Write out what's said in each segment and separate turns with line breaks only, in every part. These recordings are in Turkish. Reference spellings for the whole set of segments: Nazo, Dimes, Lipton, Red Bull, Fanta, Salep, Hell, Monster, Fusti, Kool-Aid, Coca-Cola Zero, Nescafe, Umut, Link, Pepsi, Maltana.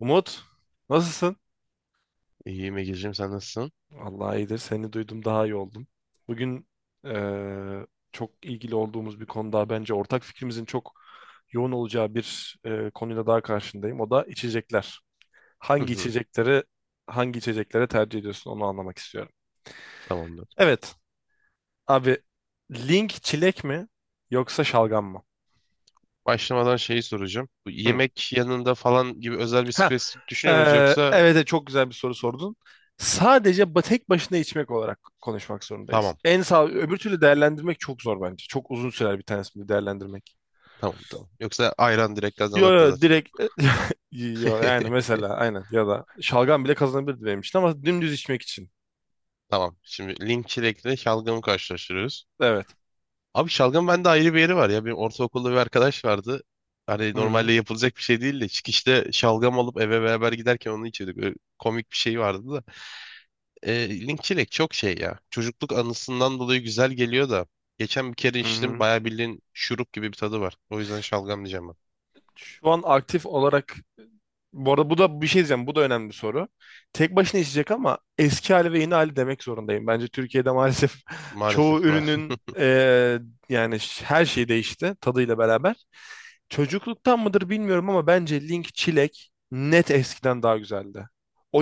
Umut, nasılsın?
İyiyim Ege'ciğim, sen nasılsın?
Allah iyidir. Seni duydum daha iyi oldum. Bugün eee, çok ilgili olduğumuz bir konuda bence ortak fikrimizin çok yoğun olacağı bir konuyla daha karşındayım. O da içecekler.
Hı
Hangi
hı,
içecekleri hangi içeceklere tercih ediyorsun onu anlamak istiyorum.
tamamdır.
Evet abi, Link çilek mi yoksa şalgam mı?
Başlamadan şeyi soracağım. Bu
Hı.
yemek yanında falan gibi özel bir
Ha,
spesifik düşünüyor muyuz
evet
yoksa
evet, çok güzel bir soru sordun. Sadece tek başına içmek olarak konuşmak zorundayız.
tamam
En sağ öbür türlü değerlendirmek çok zor bence. Çok uzun sürer bir tanesini değerlendirmek.
tamam. Yoksa ayran direkt
Yo
kazanırdı
yo,
zaten.
direkt yo, yani mesela aynen ya da şalgam bile kazanabilirdi benim için ama dümdüz içmek için.
Tamam. Şimdi link çilekle şalgamı karşılaştırıyoruz.
Evet.
Abi şalgam bende ayrı bir yeri var ya. Benim ortaokulda bir arkadaş vardı. Hani
Hı hı.
normalde yapılacak bir şey değil de çıkışta şalgam alıp eve beraber giderken onu içiyorduk. Öyle komik bir şey vardı. E, linkçilik çok şey ya. Çocukluk anısından dolayı güzel geliyor da. Geçen bir kere
Hı
içtim.
hı.
Bayağı bildiğin şurup gibi bir tadı var. O yüzden şalgam diyeceğim ben.
Şu an aktif olarak bu arada bu da bir şey diyeceğim. Bu da önemli bir soru. Tek başına içecek ama eski hali ve yeni hali demek zorundayım. Bence Türkiye'de maalesef çoğu
Maalesef, maalesef.
ürünün yani her şey değişti tadıyla beraber. Çocukluktan mıdır bilmiyorum ama bence Link Çilek net eskiden daha güzeldi. O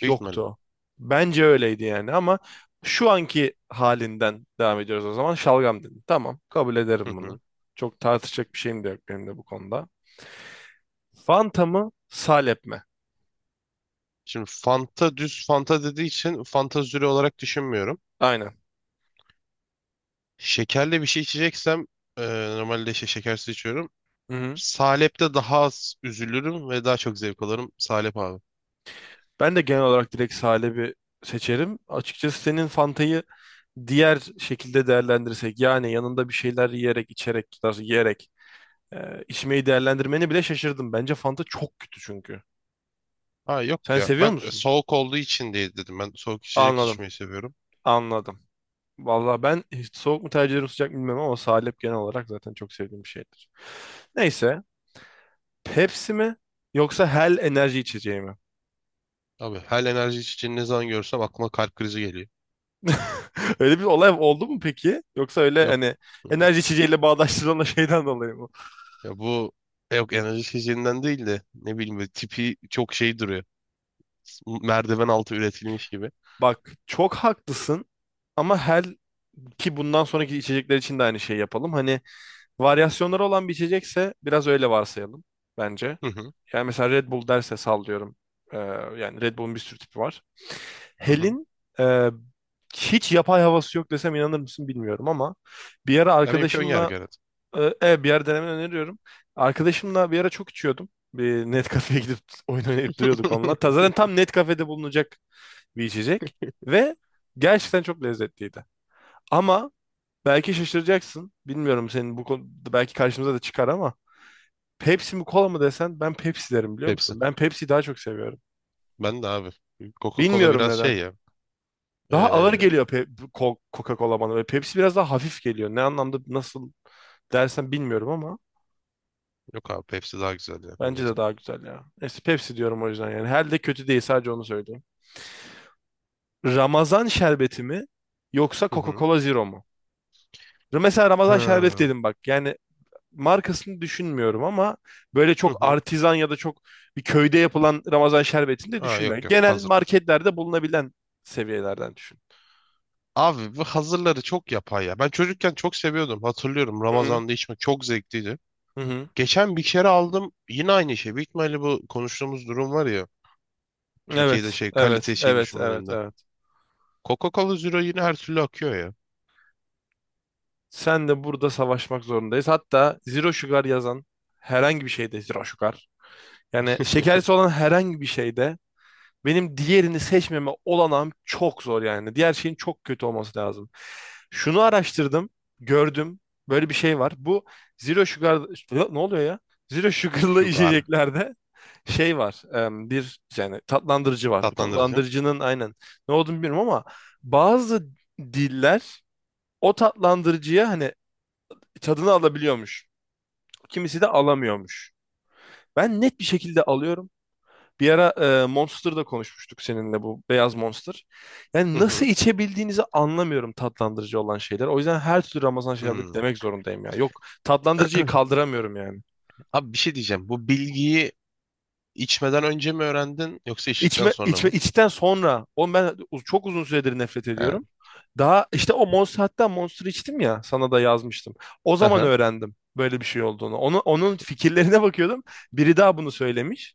Büyük ihtimalle.
yoktu. Bence öyleydi yani ama şu anki halinden devam ediyoruz o zaman. Şalgam dedim. Tamam, kabul
Hı
ederim bunu.
hı.
Çok tartışacak bir şeyim de yok benim de bu konuda. Fanta mı? Salep mi?
Şimdi Fanta, düz Fanta dediği için Fanta Züri olarak düşünmüyorum.
Aynen.
Şekerli bir şey içeceksem e, normalde şey şekersiz içiyorum.
Hı hı.
Salep'te daha az üzülürüm ve daha çok zevk alırım. Salep abi.
Ben de genel olarak direkt Salep'i seçerim. Açıkçası senin Fanta'yı diğer şekilde değerlendirsek, yani yanında bir şeyler yiyerek, içerek, daha doğrusu yiyerek içmeyi değerlendirmeni bile şaşırdım. Bence Fanta çok kötü çünkü.
Ha yok
Sen
ya.
seviyor
Ben
musun?
soğuk olduğu için diye dedim. Ben soğuk içecek
Anladım.
içmeyi seviyorum.
Anladım. Vallahi ben hiç soğuk mu tercih ederim sıcak mı bilmem ama Salep genel olarak zaten çok sevdiğim bir şeydir. Neyse. Pepsi mi yoksa Hell enerji içeceği mi?
Abi her enerji içeceğini ne zaman görsem aklıma kalp krizi geliyor.
Öyle bir olay oldu mu peki? Yoksa öyle
Yok.
hani enerji içeceğiyle bağdaştırılan o şeyden dolayı mı?
Ya bu, yok, enerji içeceğinden değil de ne bileyim böyle tipi çok şey duruyor. Merdiven altı üretilmiş gibi.
Bak çok haklısın ama her ki bundan sonraki içecekler için de aynı şeyi yapalım. Hani varyasyonları olan bir içecekse biraz öyle varsayalım bence.
Hı hı.
Yani mesela Red Bull derse sallıyorum. Ee, yani Red Bull'un bir sürü tipi var.
Hı hı.
Hel'in e, hiç yapay havası yok desem inanır mısın bilmiyorum ama bir ara
Ya benimki ön
arkadaşımla
yargı, evet.
Evet, bir yer denemeni öneriyorum. Arkadaşımla bir ara çok içiyordum. Bir net kafeye gidip oyun oynayıp duruyorduk onunla. Zaten tam net kafede bulunacak bir içecek. Ve gerçekten çok lezzetliydi. Ama belki şaşıracaksın. Bilmiyorum, senin bu konuda belki karşımıza da çıkar ama Pepsi mi kola mı desen ben Pepsi derim, biliyor
Pepsi.
musun? Ben Pepsi'yi daha çok seviyorum.
Ben de abi. Coca-Cola
Bilmiyorum
biraz şey
neden.
ya.
Daha ağır
Ee,
geliyor bu Coca-Cola bana ve Pepsi biraz daha hafif geliyor. Ne anlamda nasıl dersen bilmiyorum ama.
Yok abi, Pepsi daha güzel ya bence
Bence de
de.
daha güzel ya. Neyse Pepsi diyorum o yüzden yani. Her de kötü değil, sadece onu söyleyeyim. Ramazan şerbeti mi yoksa
Hı hı.
Coca-Cola Zero mu? Mesela Ramazan şerbeti
Ha.
dedim bak. Yani markasını düşünmüyorum ama böyle
Hı
çok
hı.
artizan ya da çok bir köyde yapılan Ramazan şerbetini de
Aa, yok
düşünmüyorum.
yok,
Genel
hazır.
marketlerde bulunabilen seviyelerden düşün.
Abi bu hazırları çok yapay ya. Ben çocukken çok seviyordum. Hatırlıyorum,
Hı hı.
Ramazan'da içmek çok zevkliydi.
Hı hı.
Geçen bir kere aldım yine aynı şey. Büyük ihtimalle bu konuştuğumuz durum var ya. Türkiye'de
Evet,
şey,
evet,
kalite şeyin
evet, evet,
düşmanlarında.
evet.
Coca-Cola Zero yine her türlü akıyor ya.
Sen de burada savaşmak zorundayız. Hatta Zero Sugar yazan herhangi bir şeyde Zero Sugar, yani şekerlisi olan herhangi bir şeyde benim diğerini seçmeme olanağım çok zor yani. Diğer şeyin çok kötü olması lazım. Şunu araştırdım, gördüm. Böyle bir şey var. Bu zero sugar ne oluyor ya? Zero sugar'lı
Sugar.
içeceklerde şey var. Bir yani tatlandırıcı var. Bu
Tatlandırıcı.
tatlandırıcının aynen ne olduğunu bilmiyorum ama bazı diller o tatlandırıcıya hani tadını alabiliyormuş. Kimisi de alamıyormuş. Ben net bir şekilde alıyorum. Bir ara Monster'da konuşmuştuk seninle, bu beyaz Monster.
Hı
Yani nasıl
hı.
içebildiğinizi anlamıyorum tatlandırıcı olan şeyler. O yüzden her türlü Ramazan şerbeti
Hmm.
demek zorundayım ya. Yok, tatlandırıcıyı kaldıramıyorum yani.
Abi bir şey diyeceğim. Bu bilgiyi içmeden önce mi öğrendin yoksa içtikten
İçme,
sonra
içme
mı?
içten sonra o, ben çok uzun süredir nefret ediyorum.
He.
Daha işte o Monster, hatta Monster içtim ya, sana da yazmıştım. O
Hı
zaman
hı.
öğrendim böyle bir şey olduğunu. Onu, onun fikirlerine bakıyordum. Biri daha bunu söylemiş.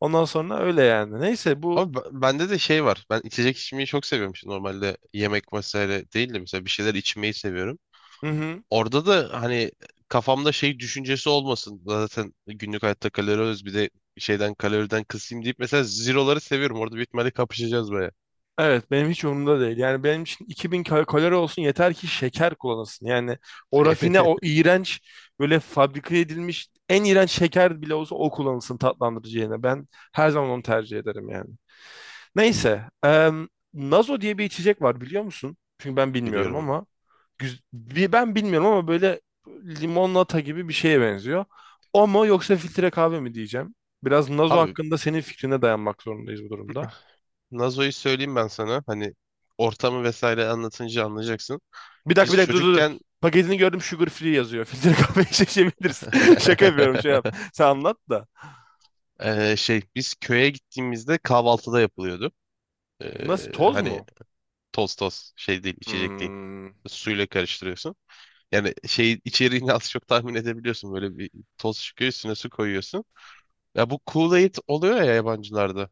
Ondan sonra öyle yani. Neyse bu.
Ama b- bende de şey var. Ben içecek içmeyi çok seviyorum. Şimdi normalde yemek vesaire değil de mesela bir şeyler içmeyi seviyorum.
Hı hı.
Orada da hani kafamda şey düşüncesi olmasın. Zaten günlük hayatta kalori alıyoruz. Bir de şeyden, kaloriden kısayım deyip mesela zeroları seviyorum. Orada büyük ihtimalle kapışacağız baya.
Evet, benim hiç umurumda değil. Yani benim için 2000 kalori olsun yeter ki şeker kullanılsın. Yani o rafine, o iğrenç, böyle fabrika edilmiş en iğrenç şeker bile olsa o kullanılsın tatlandırıcı yerine. Ben her zaman onu tercih ederim yani. Neyse. Nazo diye bir içecek var, biliyor musun? Çünkü ben bilmiyorum
Biliyorum.
ama. Ben bilmiyorum ama böyle limonata gibi bir şeye benziyor. O mu yoksa filtre kahve mi diyeceğim. Biraz Nazo
Abi
hakkında senin fikrine dayanmak zorundayız bu durumda.
Nazo'yu söyleyeyim ben sana. Hani ortamı vesaire anlatınca anlayacaksın.
Bir dakika bir
Biz
dakika, dur dur dur.
çocukken
Paketini gördüm, sugar free yazıyor. Filtre kahve şişebiliriz. Şaka yapıyorum, şey yap. Sen anlat da.
şey, biz köye gittiğimizde kahvaltıda yapılıyordu.
Nasıl, toz
Hani
mu?
toz, toz şey değil, içecek değil.
Hmm. Hı
Suyla karıştırıyorsun. Yani şey içeriğini az çok tahmin edebiliyorsun. Böyle bir toz çıkıyor, üstüne su koyuyorsun. Ya bu Kool-Aid oluyor ya yabancılarda.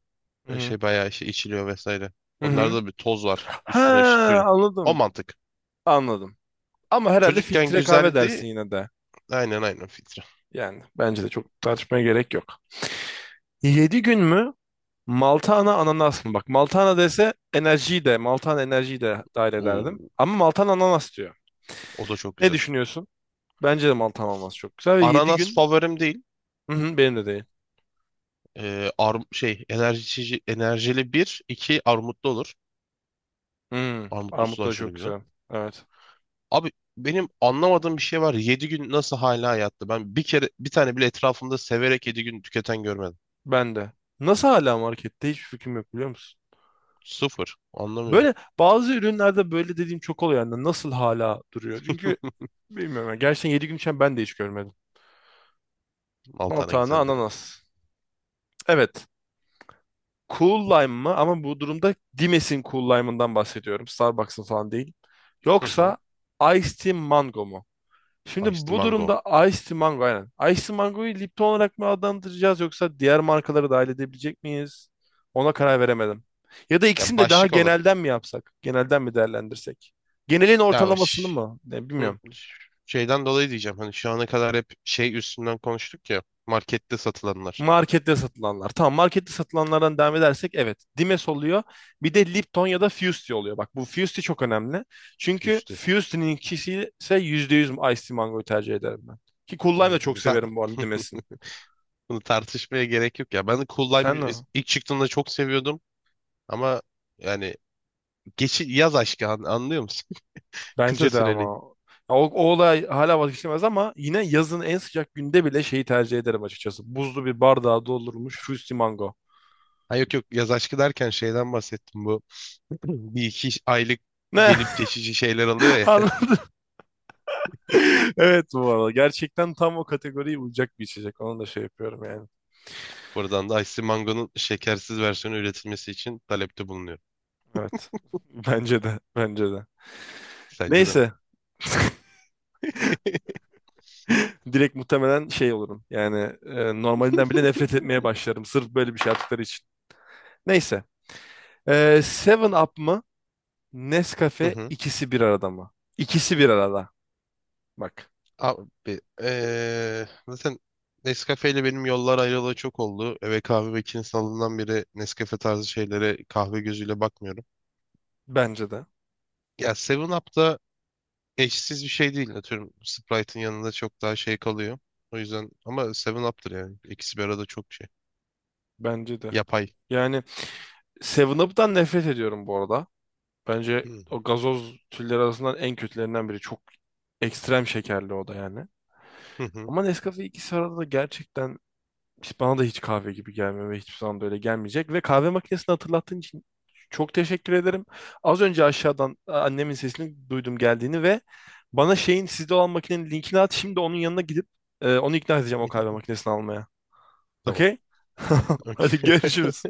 Böyle
hı.
şey bayağı şey içiliyor vesaire.
Hı
Onlarda
hı.
da bir toz var,
Ha,
üstüne işte suyla. O
anladım.
mantık.
Anladım. Ama herhalde
Çocukken
filtre kahve
güzeldi.
dersin yine de.
Aynen aynen, filtre.
Yani bence de çok tartışmaya gerek yok. 7 gün mü? Maltana ananas mı? Bak, Maltana dese enerjiyi de, Maltana enerjiyi de dahil ederdim.
Oo,
Ama Maltana ananas diyor.
o da çok
Ne
güzel.
düşünüyorsun? Bence de Maltana ananas çok güzel ve 7
Ananas
gün.
favorim değil.
Hı hı, benim de değil.
Arm şey enerji, içici- enerjili bir, iki armutlu olur.
Hmm,
Armutlusu
armut
da
da
aşırı
çok
güzel.
güzel. Evet.
Abi benim anlamadığım bir şey var. 7 gün nasıl hala hayatta? Ben bir kere bir tane bile etrafımda severek yedi gün tüketen görmedim.
Ben de. Nasıl hala markette? Hiçbir fikrim yok, biliyor musun?
Sıfır. Anlamıyorum.
Böyle bazı ürünlerde böyle dediğim çok oluyor. Yani nasıl hala duruyor? Çünkü bilmiyorum. Yani gerçekten 7 gün içinde ben de hiç görmedim.
Al tane
Maltana
güzeldir.
ananas. Evet. Cool lime mı? Ama bu durumda Dimes'in cool lime'ından bahsediyorum. Starbucks'ın falan değil.
Ya. Hı hı.
Yoksa ice Tea Mango mu? Şimdi
Iced
bu
mango.
durumda Ice Mango, aynen. Ice Mango'yu Lipton olarak mı adlandıracağız yoksa diğer markaları dahil edebilecek miyiz? Ona karar veremedim. Ya da
Ya
ikisini de daha
başlık olarak.
genelden mi yapsak? Genelden mi değerlendirsek? Genelin
Ya
ortalamasını
baş...
mı? Ne,
Hı,
bilmiyorum.
şeyden dolayı diyeceğim. Hani şu ana kadar hep şey üstünden konuştuk ya. Markette satılanlar
Markette satılanlar. Tamam, markette satılanlardan devam edersek evet. Dimes oluyor. Bir de Lipton ya da Fusti oluyor. Bak, bu Fusti çok önemli. Çünkü
üstü.
Fusti'nin ikisi ise %100 Ice Mango'yu tercih ederim ben. Ki Cool Lime'ı
Abi
da çok
bunu, tar-
severim bu arada, Dimes'in.
bunu tartışmaya gerek yok ya. Ben de Cool
Sen
Lime
ne?
ilk çıktığında çok seviyordum. Ama yani geçi yaz aşkı, an- anlıyor musun? Kısa
Bence de ama.
süreli.
Ya O olay hala vazgeçilmez ama yine yazın en sıcak günde bile şeyi tercih ederim açıkçası. Buzlu bir bardağa doldurulmuş Fruity Mango.
Ha yok yok, yaz aşkı derken şeyden bahsettim bu. Bir iki aylık
Ne?
gelip geçici şeyler alıyor ya.
Anladın? Evet, bu arada. Gerçekten tam o kategoriye uyacak bir içecek. Onu da şey yapıyorum yani.
Buradan da Ice Mango'nun şekersiz versiyonu üretilmesi için talepte bulunuyor.
Evet. Bence de. Bence de.
Sence de mi?
Neyse. Direkt muhtemelen şey olurum. Yani normalinden bile nefret etmeye başlarım. Sırf böyle bir şey yaptıkları için. Neyse. 7-Up mı?
Hı
Nescafe
hı.
ikisi bir arada mı? İkisi bir arada. Bak.
Abi, zaten Nescafe ile benim yollar ayrılalı çok oldu. Eve kahve makinesi alından beri Nescafe tarzı şeylere kahve gözüyle bakmıyorum.
Bence de.
Ya 7 Up'ta eşsiz bir şey değil. Atıyorum, Sprite'ın yanında çok daha şey kalıyor. O yüzden ama Seven Up'tır yani. İkisi bir arada çok şey.
Bence de.
Yapay.
Yani 7-Up'tan nefret ediyorum bu arada. Bence
Hı
o gazoz türleri arasından en kötülerinden biri. Çok ekstrem şekerli o da yani.
hı, hı.
Ama Nescafe ikisi arada da gerçekten, bana da hiç kahve gibi gelmiyor ve hiçbir zaman böyle gelmeyecek. Ve kahve makinesini hatırlattığın için çok teşekkür ederim. Az önce aşağıdan annemin sesini duydum geldiğini ve bana şeyin sizde olan makinenin linkini at. Şimdi onun yanına gidip onu ikna edeceğim o kahve makinesini almaya.
Tamam.
Okey? Hadi
Okey.
görüşürüz.